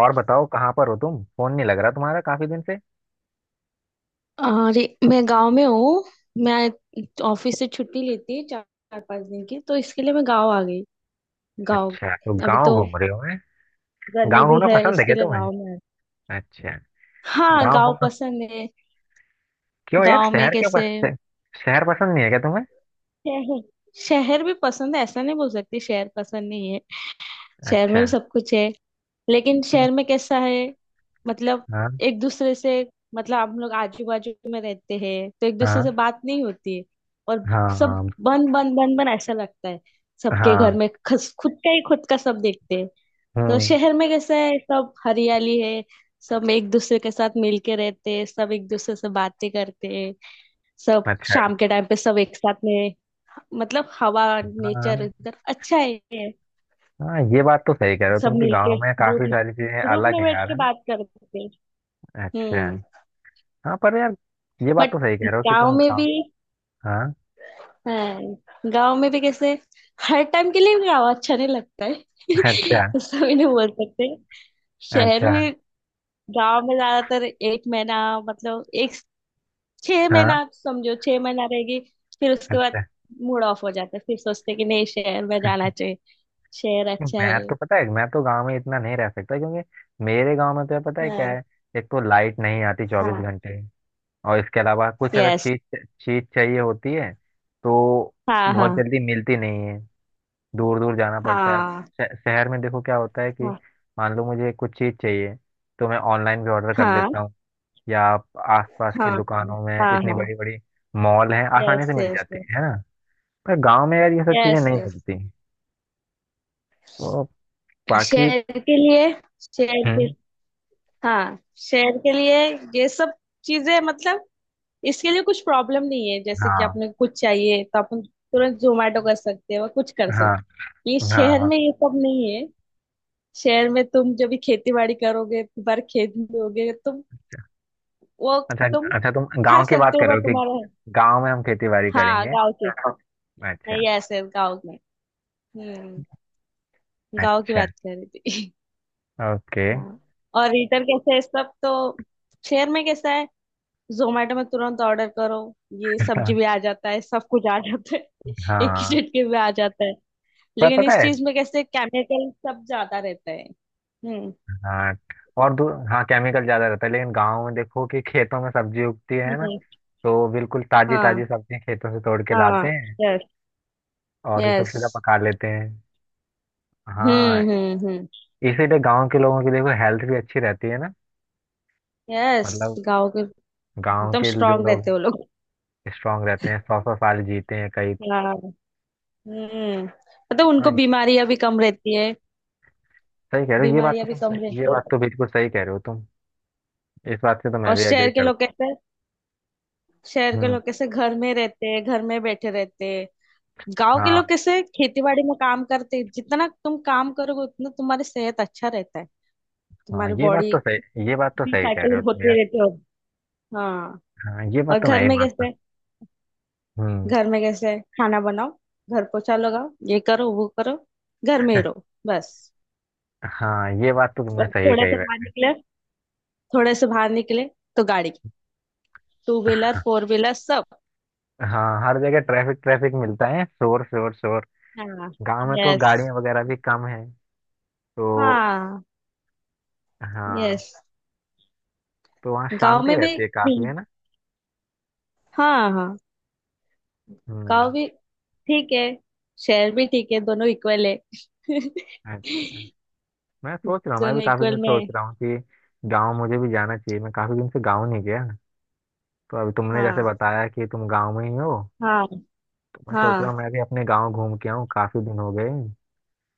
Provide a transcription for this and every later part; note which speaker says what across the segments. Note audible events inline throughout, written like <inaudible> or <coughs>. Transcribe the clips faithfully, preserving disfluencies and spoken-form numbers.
Speaker 1: और बताओ, कहाँ पर हो तुम? फोन नहीं लग रहा तुम्हारा काफी दिन से।
Speaker 2: अरे। मैं गांव में हूँ। मैं ऑफिस से छुट्टी लेती है चार चार पांच दिन की, तो इसके लिए मैं गांव आ गई। गांव।
Speaker 1: अच्छा, तो
Speaker 2: अभी
Speaker 1: गांव
Speaker 2: तो
Speaker 1: घूम रहे हो हैं।
Speaker 2: गर्मी
Speaker 1: गांव
Speaker 2: भी
Speaker 1: घूमना
Speaker 2: है,
Speaker 1: पसंद है
Speaker 2: इसके
Speaker 1: क्या
Speaker 2: लिए
Speaker 1: तुम्हें?
Speaker 2: गांव में आ-
Speaker 1: अच्छा।
Speaker 2: हाँ,
Speaker 1: गांव
Speaker 2: गांव
Speaker 1: घूमना।
Speaker 2: पसंद है।
Speaker 1: क्यों यार,
Speaker 2: गांव में
Speaker 1: शहर क्यों
Speaker 2: कैसे।
Speaker 1: पस... शहर पसंद नहीं है क्या तुम्हें?
Speaker 2: शहर। शहर भी पसंद है, ऐसा नहीं बोल सकती शहर पसंद नहीं है। शहर में
Speaker 1: अच्छा।
Speaker 2: भी सब कुछ है। लेकिन
Speaker 1: हम्म।
Speaker 2: शहर में कैसा है। मतलब
Speaker 1: हाँ।
Speaker 2: एक दूसरे से। मतलब हम लोग आजू बाजू में रहते हैं तो एक दूसरे से
Speaker 1: हाँ।
Speaker 2: बात नहीं होती है। और सब
Speaker 1: हाँ।
Speaker 2: बंद बंद बंद बंद ऐसा लगता है। सबके घर
Speaker 1: हाँ।
Speaker 2: में खस, खुद का ही खुद का सब देखते हैं। तो
Speaker 1: हम्म।
Speaker 2: शहर में कैसा है, सब हरियाली है। सब एक दूसरे के साथ मिलके रहते हैं, सब एक दूसरे से बातें करते हैं। सब
Speaker 1: अच्छा।
Speaker 2: शाम के टाइम पे सब एक साथ में। मतलब हवा नेचर
Speaker 1: हाँ,
Speaker 2: इधर अच्छा है।
Speaker 1: हाँ, ये बात तो सही कह रहे हो
Speaker 2: सब
Speaker 1: तुम कि
Speaker 2: मिलके
Speaker 1: गांव में
Speaker 2: ग्रुप
Speaker 1: काफी
Speaker 2: में
Speaker 1: सारी चीजें
Speaker 2: ग्रुप
Speaker 1: अलग
Speaker 2: में
Speaker 1: हैं
Speaker 2: बैठ
Speaker 1: यार,
Speaker 2: के
Speaker 1: है ना।
Speaker 2: बात करते हैं।
Speaker 1: अच्छा।
Speaker 2: हम्म।
Speaker 1: हाँ पर यार, ये बात
Speaker 2: बट
Speaker 1: तो सही कह रहे हो कि
Speaker 2: गांव
Speaker 1: तुम
Speaker 2: में
Speaker 1: गाँव।
Speaker 2: भी।
Speaker 1: हाँ।
Speaker 2: हाँ, गांव में भी कैसे। हर टाइम के लिए गांव अच्छा नहीं लगता है। <laughs>
Speaker 1: अच्छा।
Speaker 2: उसका भी नहीं बोल सकते। शहर
Speaker 1: अच्छा।
Speaker 2: में। गांव में ज्यादातर एक महीना। मतलब एक छह
Speaker 1: हाँ।
Speaker 2: महीना समझो, छह महीना रहेगी। फिर उसके बाद
Speaker 1: अच्छा।
Speaker 2: मूड ऑफ हो जाता है। फिर सोचते हैं कि नहीं, शहर में जाना चाहिए। शहर अच्छा
Speaker 1: मैं
Speaker 2: है।
Speaker 1: तो पता है, मैं तो गांव में इतना नहीं रह सकता, क्योंकि मेरे गांव में तो पता है क्या
Speaker 2: हाँ,
Speaker 1: है, एक तो लाइट नहीं आती चौबीस
Speaker 2: हाँ।
Speaker 1: घंटे और इसके अलावा कुछ अगर
Speaker 2: यस।
Speaker 1: चीज चीज चाहिए होती है तो
Speaker 2: हाँ,
Speaker 1: बहुत
Speaker 2: हाँ,
Speaker 1: जल्दी मिलती नहीं है। दूर दूर जाना पड़ता है। अब
Speaker 2: हाँ,
Speaker 1: शह- शहर में देखो क्या होता है कि
Speaker 2: हाँ,
Speaker 1: मान लो मुझे कुछ चीज चाहिए तो मैं ऑनलाइन भी ऑर्डर कर
Speaker 2: हाँ,
Speaker 1: देता हूँ। या आप आसपास की
Speaker 2: हाँ,
Speaker 1: दुकानों में
Speaker 2: हाँ,
Speaker 1: इतनी
Speaker 2: हाँ।
Speaker 1: बड़ी बड़ी मॉल है, आसानी
Speaker 2: यस,
Speaker 1: से मिल
Speaker 2: यस,
Speaker 1: जाती है है ना। पर गांव में यार ये सब चीजें
Speaker 2: यस।
Speaker 1: नहीं मिलती, तो बाकी।
Speaker 2: शेर के लिए। शेर के
Speaker 1: हम्म।
Speaker 2: हाँ, शेर के लिए। ये सब चीजें मतलब इसके लिए कुछ प्रॉब्लम नहीं है। जैसे कि
Speaker 1: हाँ।
Speaker 2: आपने कुछ चाहिए तो अपन तुरंत जोमेटो कर सकते हैं और कुछ कर
Speaker 1: हाँ।
Speaker 2: सकते हैं। ये
Speaker 1: हाँ।
Speaker 2: शहर
Speaker 1: हाँ।
Speaker 2: में ये सब नहीं है। शहर में तुम जब भी खेती बाड़ी करोगे, बार खेत में होगे तुम, वो
Speaker 1: अच्छा।
Speaker 2: तुम
Speaker 1: अच्छा, तुम
Speaker 2: खा
Speaker 1: गांव की बात
Speaker 2: सकते हो,
Speaker 1: कर रहे
Speaker 2: वो
Speaker 1: हो कि
Speaker 2: तुम्हारा है।
Speaker 1: गांव में हम खेती बाड़ी
Speaker 2: हाँ,
Speaker 1: करेंगे।
Speaker 2: गाँव के, हाँ।
Speaker 1: अच्छा।
Speaker 2: नहीं, ऐसे गाँव में। हम्म। गाँव की
Speaker 1: अच्छा।
Speaker 2: बात कर रही थी।
Speaker 1: ओके।
Speaker 2: <laughs> हाँ। और रीटर कैसे है सब तो। शहर में कैसा है। जोमेटो में तुरंत ऑर्डर करो, ये सब्जी भी आ
Speaker 1: <laughs>
Speaker 2: जाता है, सब कुछ आ जाता है। <laughs> एक
Speaker 1: हाँ।
Speaker 2: ही झटके में आ जाता है।
Speaker 1: पर
Speaker 2: लेकिन
Speaker 1: पता
Speaker 2: इस
Speaker 1: है।
Speaker 2: चीज में कैसे केमिकल सब ज्यादा रहता है। हम्म।
Speaker 1: हाँ, और दूर, हाँ केमिकल ज्यादा रहता है, लेकिन गांव में देखो कि खेतों में सब्जी उगती है ना,
Speaker 2: हम्म।
Speaker 1: तो बिल्कुल ताजी
Speaker 2: हाँ,
Speaker 1: ताजी सब्जियां खेतों से तोड़ के
Speaker 2: हाँ।
Speaker 1: लाते हैं
Speaker 2: यस,
Speaker 1: और उसे
Speaker 2: यस।
Speaker 1: सीधा पका लेते हैं। हाँ।
Speaker 2: हम्म, हम्म, हम्म।
Speaker 1: इसीलिए गांव के लोगों की देखो हेल्थ भी अच्छी रहती है ना।
Speaker 2: यस,
Speaker 1: मतलब
Speaker 2: गाँव के
Speaker 1: गांव
Speaker 2: एकदम
Speaker 1: के जो
Speaker 2: स्ट्रांग
Speaker 1: लोग
Speaker 2: रहते हो लोग।
Speaker 1: स्ट्रांग रहते हैं, सौ सौ साल जीते हैं कई।
Speaker 2: हाँ। हम्म। मतलब उनको
Speaker 1: हाँ,
Speaker 2: बीमारियां भी कम रहती है।
Speaker 1: सही कह रहे हो ये बात
Speaker 2: बीमारियां
Speaker 1: तो
Speaker 2: भी कम
Speaker 1: तुम, ये
Speaker 2: रहती
Speaker 1: बात
Speaker 2: है।
Speaker 1: तो बिल्कुल सही कह रहे हो तुम। इस बात से तो मैं
Speaker 2: और
Speaker 1: भी
Speaker 2: शहर
Speaker 1: एग्री
Speaker 2: के लोग
Speaker 1: करता
Speaker 2: कैसे शहर
Speaker 1: हूँ।
Speaker 2: के
Speaker 1: हम्म।
Speaker 2: लोग कैसे घर में रहते हैं, घर में बैठे रहते हैं। गांव के लोग
Speaker 1: हाँ।
Speaker 2: कैसे खेती बाड़ी में काम करते हैं। जितना तुम काम करोगे उतना तुम्हारी सेहत अच्छा रहता है,
Speaker 1: हाँ,
Speaker 2: तुम्हारी
Speaker 1: ये बात
Speaker 2: बॉडी
Speaker 1: तो सही, ये बात तो सही कह
Speaker 2: साइकिल
Speaker 1: रहे हो तुम यार।
Speaker 2: होते रहते हो। हाँ।
Speaker 1: हाँ, ये
Speaker 2: और
Speaker 1: बात तो मैं
Speaker 2: घर
Speaker 1: ही
Speaker 2: में
Speaker 1: मानता
Speaker 2: कैसे।
Speaker 1: हूँ। हम्म।
Speaker 2: घर में कैसे खाना बनाओ, घर पोछा लगाओ, ये करो वो करो, घर में ही रहो बस।
Speaker 1: हाँ, ये बात तो तुमने
Speaker 2: और
Speaker 1: सही
Speaker 2: थोड़ा
Speaker 1: कही
Speaker 2: सा
Speaker 1: है।
Speaker 2: बाहर निकले थोड़े से बाहर निकले तो गाड़ी, टू व्हीलर फोर व्हीलर सब।
Speaker 1: हाँ, हर जगह ट्रैफिक ट्रैफिक मिलता है, शोर शोर शोर।
Speaker 2: हाँ।
Speaker 1: गांव में तो
Speaker 2: यस।
Speaker 1: गाड़ियां वगैरह भी कम है, तो।
Speaker 2: हाँ।
Speaker 1: हाँ।
Speaker 2: यस।
Speaker 1: तो वहाँ
Speaker 2: गांव
Speaker 1: शांति
Speaker 2: में भी
Speaker 1: रहती है काफी, है
Speaker 2: हम्म,
Speaker 1: ना।
Speaker 2: हाँ, हाँ।
Speaker 1: हम्म।
Speaker 2: गाँव भी ठीक है, शहर भी ठीक है, दोनों इक्वल है। <laughs>
Speaker 1: अच्छा, मैं सोच रहा हूँ, मैं भी
Speaker 2: दोनों
Speaker 1: काफी दिन
Speaker 2: इक्वल
Speaker 1: से
Speaker 2: में
Speaker 1: सोच
Speaker 2: है।
Speaker 1: रहा हूँ कि गांव मुझे भी जाना चाहिए, मैं काफी दिन से गांव नहीं गया। तो अभी तुमने जैसे
Speaker 2: हाँ,
Speaker 1: बताया कि तुम गांव में ही हो,
Speaker 2: हाँ,
Speaker 1: तो मैं सोच रहा हूँ
Speaker 2: हाँ,
Speaker 1: मैं भी अपने गांव घूम के आऊँ, काफी दिन हो गए।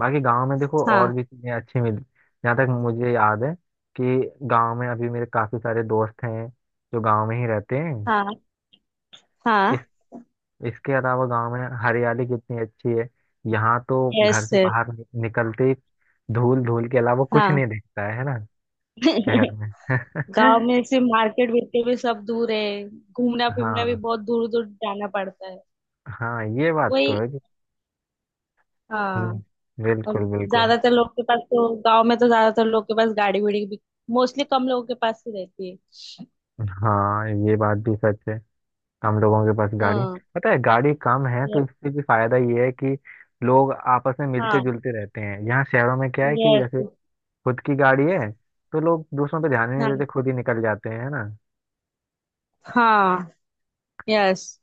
Speaker 1: बाकी गांव में देखो
Speaker 2: हाँ,
Speaker 1: और भी चीजें अच्छी मिली। जहाँ तक मुझे याद है कि गांव में अभी मेरे काफी सारे दोस्त हैं जो गांव में ही रहते हैं।
Speaker 2: हाँ,
Speaker 1: इस
Speaker 2: हाँ।
Speaker 1: इसके अलावा गांव में हरियाली कितनी अच्छी है। यहाँ तो
Speaker 2: यस
Speaker 1: घर से
Speaker 2: सर।
Speaker 1: बाहर नि- निकलते ही धूल, धूल के अलावा कुछ
Speaker 2: हाँ।
Speaker 1: नहीं दिखता है है ना। शहर
Speaker 2: <laughs>
Speaker 1: में।
Speaker 2: गांव में
Speaker 1: <laughs>
Speaker 2: से मार्केट बिकते भी सब दूर है, घूमना फिरना भी
Speaker 1: हाँ।
Speaker 2: बहुत दूर दूर जाना पड़ता है।
Speaker 1: हाँ ये बात तो
Speaker 2: वही।
Speaker 1: है कि।
Speaker 2: हाँ।
Speaker 1: हम्म,
Speaker 2: और
Speaker 1: बिल्कुल बिल्कुल।
Speaker 2: ज्यादातर लोग के पास तो, गांव में तो ज्यादातर लोग के पास गाड़ी वाड़ी भी मोस्टली कम लोगों के पास ही रहती है।
Speaker 1: हाँ ये बात भी सच है। हम लोगों के पास गाड़ी,
Speaker 2: हाँ।
Speaker 1: पता है गाड़ी कम है तो
Speaker 2: ये-
Speaker 1: इससे भी फायदा ये है कि लोग आपस में मिलते
Speaker 2: हाँ।
Speaker 1: जुलते रहते हैं। यहाँ शहरों में क्या है कि
Speaker 2: यस।
Speaker 1: जैसे खुद की गाड़ी है तो लोग दूसरों पे ध्यान ही नहीं
Speaker 2: हाँ,
Speaker 1: देते, खुद ही निकल जाते हैं, है ना।
Speaker 2: हाँ। यस,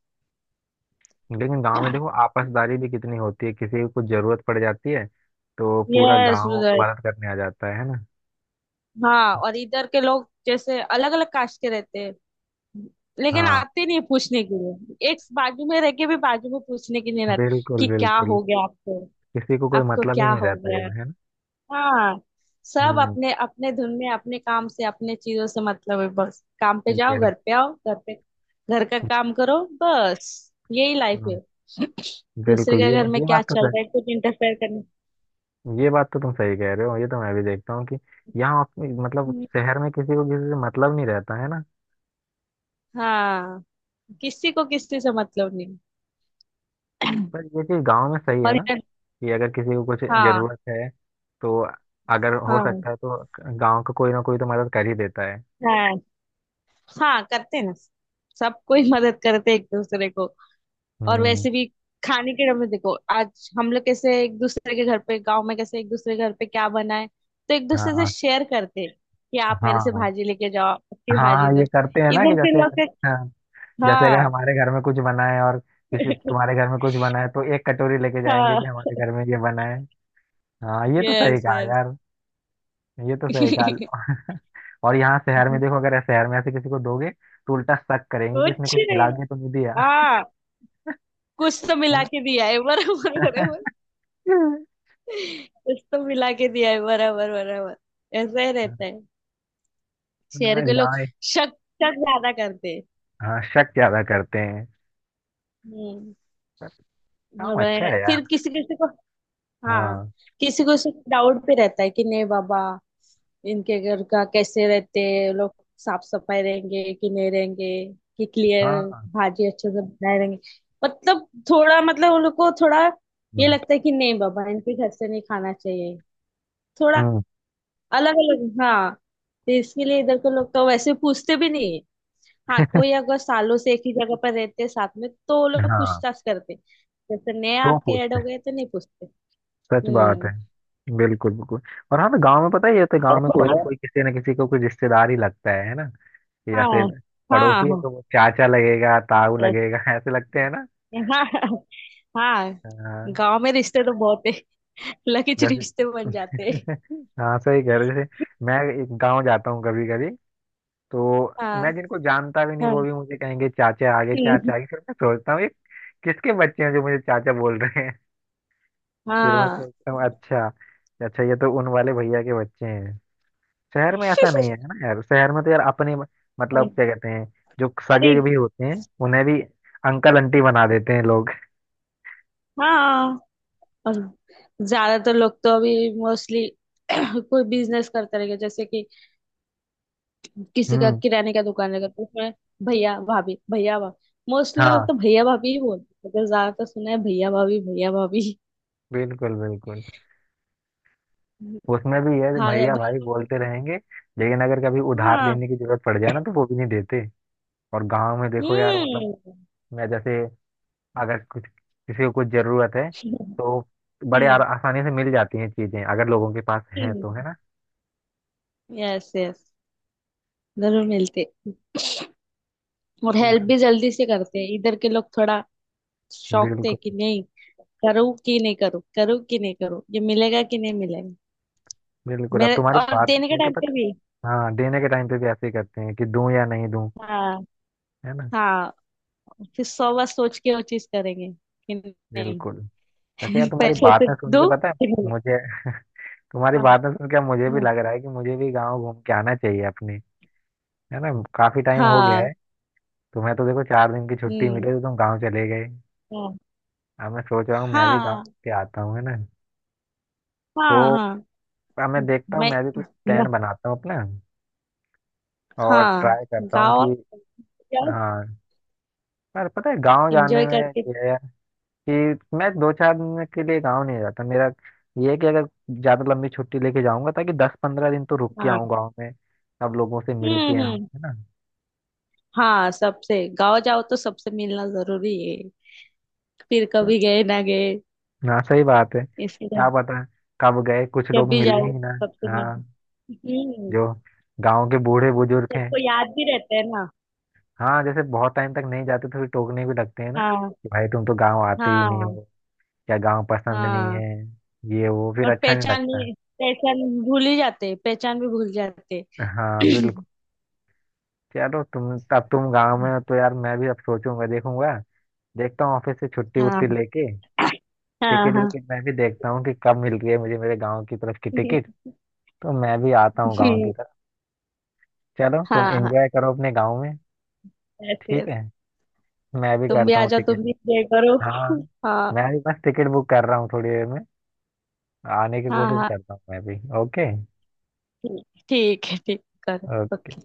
Speaker 1: लेकिन गांव में देखो आपसदारी भी कितनी होती है, किसी को कुछ जरूरत पड़ जाती है तो पूरा
Speaker 2: यस,
Speaker 1: गांव
Speaker 2: विजय।
Speaker 1: मदद करने आ जाता है है ना।
Speaker 2: हाँ और इधर के लोग जैसे अलग अलग कास्ट के रहते हैं। लेकिन
Speaker 1: हाँ,
Speaker 2: आते नहीं पूछने के लिए, एक बाजू में रह के भी बाजू में पूछने के लिए नहीं आते
Speaker 1: बिल्कुल
Speaker 2: कि क्या
Speaker 1: बिल्कुल।
Speaker 2: हो गया आपको,
Speaker 1: किसी को कोई
Speaker 2: आपको
Speaker 1: मतलब ही
Speaker 2: क्या
Speaker 1: नहीं
Speaker 2: हो
Speaker 1: रहता यार,
Speaker 2: गया।
Speaker 1: है ना।
Speaker 2: हाँ, सब
Speaker 1: हम्म।
Speaker 2: अपने अपने धुन में अपने काम से अपने चीजों से मतलब है, बस काम पे जाओ
Speaker 1: ये-
Speaker 2: घर पे आओ, घर पे घर का काम करो बस, यही
Speaker 1: तो,
Speaker 2: लाइफ
Speaker 1: हाँ,
Speaker 2: है। <clears throat> दूसरे
Speaker 1: बिल्कुल ये
Speaker 2: के घर में
Speaker 1: ये
Speaker 2: क्या
Speaker 1: बात तो
Speaker 2: चल
Speaker 1: सही,
Speaker 2: रहा है कुछ इंटरफेयर करने।
Speaker 1: ये बात तो तुम सही कह रहे हो, ये तो मैं भी देखता हूँ कि यहाँ अपनी- मतलब शहर में किसी को किसी से मतलब नहीं रहता, है ना।
Speaker 2: हाँ, किसी को किसी से मतलब नहीं।
Speaker 1: पर ये चीज गांव में सही है
Speaker 2: और
Speaker 1: ना
Speaker 2: इधर।
Speaker 1: कि अगर किसी को कुछ
Speaker 2: हाँ,
Speaker 1: जरूरत है तो, अगर हो
Speaker 2: हाँ,
Speaker 1: सकता है तो गांव का कोई ना कोई तो मदद कर ही देता है।
Speaker 2: हाँ, हाँ करते हैं ना। सब कोई मदद करते हैं एक दूसरे को। और
Speaker 1: हम्म।
Speaker 2: वैसे भी खाने के डर में देखो, आज हम लोग कैसे एक दूसरे के घर पे, गांव में कैसे एक दूसरे के घर पे क्या बनाए तो एक
Speaker 1: हाँ।
Speaker 2: दूसरे से
Speaker 1: हाँ।
Speaker 2: शेयर करते हैं कि आप मेरे से
Speaker 1: हाँ।
Speaker 2: भाजी लेके जाओ, आपकी भाजी
Speaker 1: हाँ
Speaker 2: दो।
Speaker 1: ये करते हैं ना कि
Speaker 2: इधर के
Speaker 1: जैसे,
Speaker 2: लोग के-
Speaker 1: जैसे अगर
Speaker 2: हाँ।
Speaker 1: हमारे घर में कुछ बना है और किसी तुम्हारे
Speaker 2: <laughs>
Speaker 1: घर में कुछ बना है तो एक कटोरी लेके जाएंगे
Speaker 2: हाँ।
Speaker 1: कि हमारे घर में ये बना है। हाँ, ये तो सही
Speaker 2: यस,
Speaker 1: कहा
Speaker 2: यस।
Speaker 1: यार। ये तो सही
Speaker 2: <laughs>
Speaker 1: कहा। और यहाँ शहर में देखो, अगर शहर में ऐसे किसी को दोगे तो उल्टा शक करेंगे कि इसने
Speaker 2: कुछ
Speaker 1: कुछ मिला
Speaker 2: नहीं।
Speaker 1: के तो नहीं दिया।
Speaker 2: हाँ, कुछ तो
Speaker 1: है
Speaker 2: मिला
Speaker 1: ना।
Speaker 2: के दिया है बराबर बराबर।
Speaker 1: <laughs>
Speaker 2: इसको मिला के दिया है बराबर बराबर, ऐसा ही रहता है। शहर
Speaker 1: हाँ,
Speaker 2: के लोग
Speaker 1: गाय।
Speaker 2: शक, शक ज्यादा करते हैं।
Speaker 1: हाँ, शक ज्यादा करते हैं।
Speaker 2: हम्म।
Speaker 1: पर काम अच्छा
Speaker 2: वह-
Speaker 1: है यार।
Speaker 2: फिर किसी किसी को। हाँ,
Speaker 1: हाँ।
Speaker 2: किसी को डाउट पे रहता है कि नहीं बाबा इनके घर का कैसे रहते हैं लोग, साफ सफाई रहेंगे कि नहीं रहेंगे, कि क्लियर
Speaker 1: हाँ।
Speaker 2: भाजी अच्छे से बनाए रहेंगे। मतलब थोड़ा, मतलब उन लोग को थोड़ा ये
Speaker 1: हम्म,
Speaker 2: लगता है कि नहीं बाबा इनके घर से नहीं खाना चाहिए। थोड़ा
Speaker 1: हम्म,
Speaker 2: अलग अलग। हाँ, तो इसके लिए इधर के लोग तो वैसे पूछते भी नहीं है। हाँ, कोई अगर सालों से एक ही जगह पर रहते हैं साथ में तो वो लोग
Speaker 1: हाँ।
Speaker 2: पूछताछ करते हैं। जैसे नए
Speaker 1: तो
Speaker 2: आके ऐड हो
Speaker 1: पूछते
Speaker 2: गए तो नहीं पूछते।
Speaker 1: हैं, सच बात है।
Speaker 2: हम्म।
Speaker 1: बिल्कुल बिल्कुल। और हाँ, तो गांव में पता ही है, तो गांव
Speaker 2: और
Speaker 1: में कोई ना
Speaker 2: बताओ।
Speaker 1: कोई किसी ना किसी को कोई रिश्तेदार ही लगता है है ना।
Speaker 2: हाँ,
Speaker 1: जैसे
Speaker 2: हाँ,
Speaker 1: पड़ोसी है
Speaker 2: हाँ,
Speaker 1: तो वो चाचा लगेगा, ताऊ लगेगा, <laughs> ऐसे लगते हैं ना।
Speaker 2: हाँ। <laughs> हाँ।
Speaker 1: हाँ।
Speaker 2: गांव में रिश्ते तो बहुत है, लकीच
Speaker 1: जैसे,
Speaker 2: रिश्ते बन जाते हैं।
Speaker 1: <laughs> हाँ सही कह रहे हो, जैसे मैं एक गांव जाता हूँ कभी कभी, तो
Speaker 2: हाँ,
Speaker 1: मैं जिनको जानता भी नहीं
Speaker 2: हाँ।
Speaker 1: वो भी मुझे कहेंगे चाचा आगे
Speaker 2: हम्म,
Speaker 1: चाचा आगे, फिर मैं सोचता हूँ ये किसके बच्चे हैं जो मुझे चाचा बोल रहे हैं। <laughs> फिर मैं
Speaker 2: हाँ।
Speaker 1: सोचता हूँ अच्छा, अच्छा ये तो उन वाले भैया के बच्चे हैं। शहर में ऐसा नहीं है
Speaker 2: <laughs>
Speaker 1: ना यार, शहर में तो यार अपने, मतलब क्या कहते हैं, जो
Speaker 2: अरे।
Speaker 1: सगे जो भी होते हैं उन्हें भी अंकल आंटी बना देते हैं लोग।
Speaker 2: हाँ। और ज्यादातर लोग तो अभी मोस्टली <coughs> <clears throat> कोई बिजनेस करते रहेंगे, जैसे कि किसी का
Speaker 1: हम्म।
Speaker 2: किराने का दुकान लगा तो उसमें भैया भाभी भैया भाभी, मोस्टली लोग
Speaker 1: हाँ,
Speaker 2: तो भैया भाभी ही बोलते हैं, तो ज्यादातर सुना है भैया भाभी भैया भाभी। <laughs>
Speaker 1: बिल्कुल बिल्कुल। उसमें भी ये
Speaker 2: भा- भैया
Speaker 1: भैया भाई
Speaker 2: भाभी।
Speaker 1: बोलते रहेंगे, लेकिन अगर कभी उधार
Speaker 2: हाँ।
Speaker 1: लेने की जरूरत पड़ जाए ना तो वो भी नहीं देते। और गांव में देखो यार, मतलब
Speaker 2: हम्म,
Speaker 1: मैं जैसे अगर कुछ किसी को कुछ जरूरत है तो बड़े आर- आसानी से मिल जाती हैं चीजें, अगर लोगों के पास है
Speaker 2: हम्म।
Speaker 1: तो, है ना।
Speaker 2: यस, यस, जरूर मिलते। और हेल्प भी जल्दी से करते हैं इधर के लोग थोड़ा। शौक थे
Speaker 1: बिल्कुल
Speaker 2: कि नहीं, करूँ कि नहीं करूँ, करूँ कि नहीं करूँ, ये मिलेगा कि नहीं मिलेगा।
Speaker 1: बिल्कुल। अब
Speaker 2: मेरे
Speaker 1: तुम्हारी
Speaker 2: और
Speaker 1: बात
Speaker 2: देने के
Speaker 1: सुन के
Speaker 2: टाइम पे
Speaker 1: पता।
Speaker 2: भी।
Speaker 1: हाँ, देने के टाइम पे भी ऐसे ही करते हैं कि दूं या नहीं दूं,
Speaker 2: हाँ,
Speaker 1: है ना।
Speaker 2: हाँ। फिर सौ बार सोच के वो चीज करेंगे कि नहीं।
Speaker 1: बिल्कुल। वैसे यार
Speaker 2: <laughs>
Speaker 1: तुम्हारी
Speaker 2: पैसे से
Speaker 1: बातें सुन के
Speaker 2: दो
Speaker 1: पता है
Speaker 2: फिर नहीं।
Speaker 1: मुझे, <laughs> तुम्हारी
Speaker 2: हाँ, हाँ,
Speaker 1: बातें सुन के मुझे भी लग रहा है कि मुझे भी गांव घूम के आना चाहिए अपने, है ना। काफी टाइम हो गया
Speaker 2: हाँ।
Speaker 1: है। तुम्हें तो देखो, चार दिन की छुट्टी
Speaker 2: हम्म।
Speaker 1: मिली तो तुम गाँव चले गए।
Speaker 2: हाँ,
Speaker 1: अब मैं सोच रहा हूँ मैं भी
Speaker 2: हाँ,
Speaker 1: गाँव के आता हूँ, है ना।
Speaker 2: हाँ,
Speaker 1: तो
Speaker 2: हाँ।
Speaker 1: अब मैं देखता हूँ,
Speaker 2: मैं
Speaker 1: मैं भी कुछ
Speaker 2: मैं-
Speaker 1: प्लान बनाता हूँ अपना और
Speaker 2: हाँ,
Speaker 1: ट्राई करता हूँ
Speaker 2: गाँव आओ,
Speaker 1: कि
Speaker 2: जाओ,
Speaker 1: हाँ। पर पता है गाँव जाने
Speaker 2: एंजॉय
Speaker 1: में
Speaker 2: करके।
Speaker 1: ये है कि मैं दो चार दिन के लिए गाँव नहीं जाता, मेरा ये है कि अगर ज्यादा लंबी छुट्टी लेके जाऊंगा ताकि दस पंद्रह दिन तो रुक के
Speaker 2: हाँ।
Speaker 1: आऊँ गाँव में, सब लोगों से मिल के
Speaker 2: हम्म,
Speaker 1: आऊँ,
Speaker 2: हम्म।
Speaker 1: है ना।
Speaker 2: हाँ, सबसे गाँव जाओ तो सबसे मिलना जरूरी है, फिर
Speaker 1: क्या-
Speaker 2: कभी गए ना गए,
Speaker 1: हाँ सही बात है,
Speaker 2: इसलिए
Speaker 1: क्या पता कब गए कुछ
Speaker 2: जब
Speaker 1: लोग
Speaker 2: भी
Speaker 1: मिले
Speaker 2: जाओ
Speaker 1: ही ना।
Speaker 2: सबसे मिलना।
Speaker 1: हाँ,
Speaker 2: हम्म।
Speaker 1: जो गांव के बूढ़े बुजुर्ग हैं।
Speaker 2: सबको याद भी रहता है ना।
Speaker 1: हाँ जैसे बहुत टाइम तक नहीं जाते तो फिर टोकने भी लगते हैं ना
Speaker 2: हाँ,
Speaker 1: कि भाई तुम तो गांव आते ही नहीं
Speaker 2: हाँ,
Speaker 1: हो, क्या गांव पसंद नहीं
Speaker 2: हाँ।
Speaker 1: है, ये वो, फिर
Speaker 2: और
Speaker 1: अच्छा नहीं
Speaker 2: पहचान
Speaker 1: लगता है।
Speaker 2: भी, पहचान भूल ही जाते, पहचान भी भूल जाते।
Speaker 1: हाँ
Speaker 2: <clears throat>
Speaker 1: बिल्कुल। चलो तुम, अब तुम गांव में हो तो यार मैं भी अब सोचूंगा देखूंगा, देखता हूँ ऑफिस से छुट्टी वुट्टी
Speaker 2: हाँ,
Speaker 1: लेके
Speaker 2: हाँ,
Speaker 1: टिकट
Speaker 2: हाँ।
Speaker 1: विकेट, मैं भी देखता हूँ कि कब मिल रही है मुझे मेरे गांव की तरफ की
Speaker 2: <laughs> हम्म,
Speaker 1: टिकट, तो मैं भी आता हूँ गांव की तरफ। चलो तुम
Speaker 2: हाँ, हाँ,
Speaker 1: एंजॉय करो अपने गांव में।
Speaker 2: ऐसे।
Speaker 1: ठीक है, मैं भी
Speaker 2: तुम भी
Speaker 1: करता
Speaker 2: आ
Speaker 1: हूँ
Speaker 2: जाओ, तुम
Speaker 1: टिकट।
Speaker 2: भी प्रे करो।
Speaker 1: हाँ,
Speaker 2: <laughs> हाँ,
Speaker 1: मैं भी बस टिकट बुक कर रहा हूँ, थोड़ी देर में आने की
Speaker 2: हाँ,
Speaker 1: कोशिश
Speaker 2: हाँ।
Speaker 1: करता हूँ मैं भी। ओके।
Speaker 2: ठीक ठीक है, ठीक करो। ओके।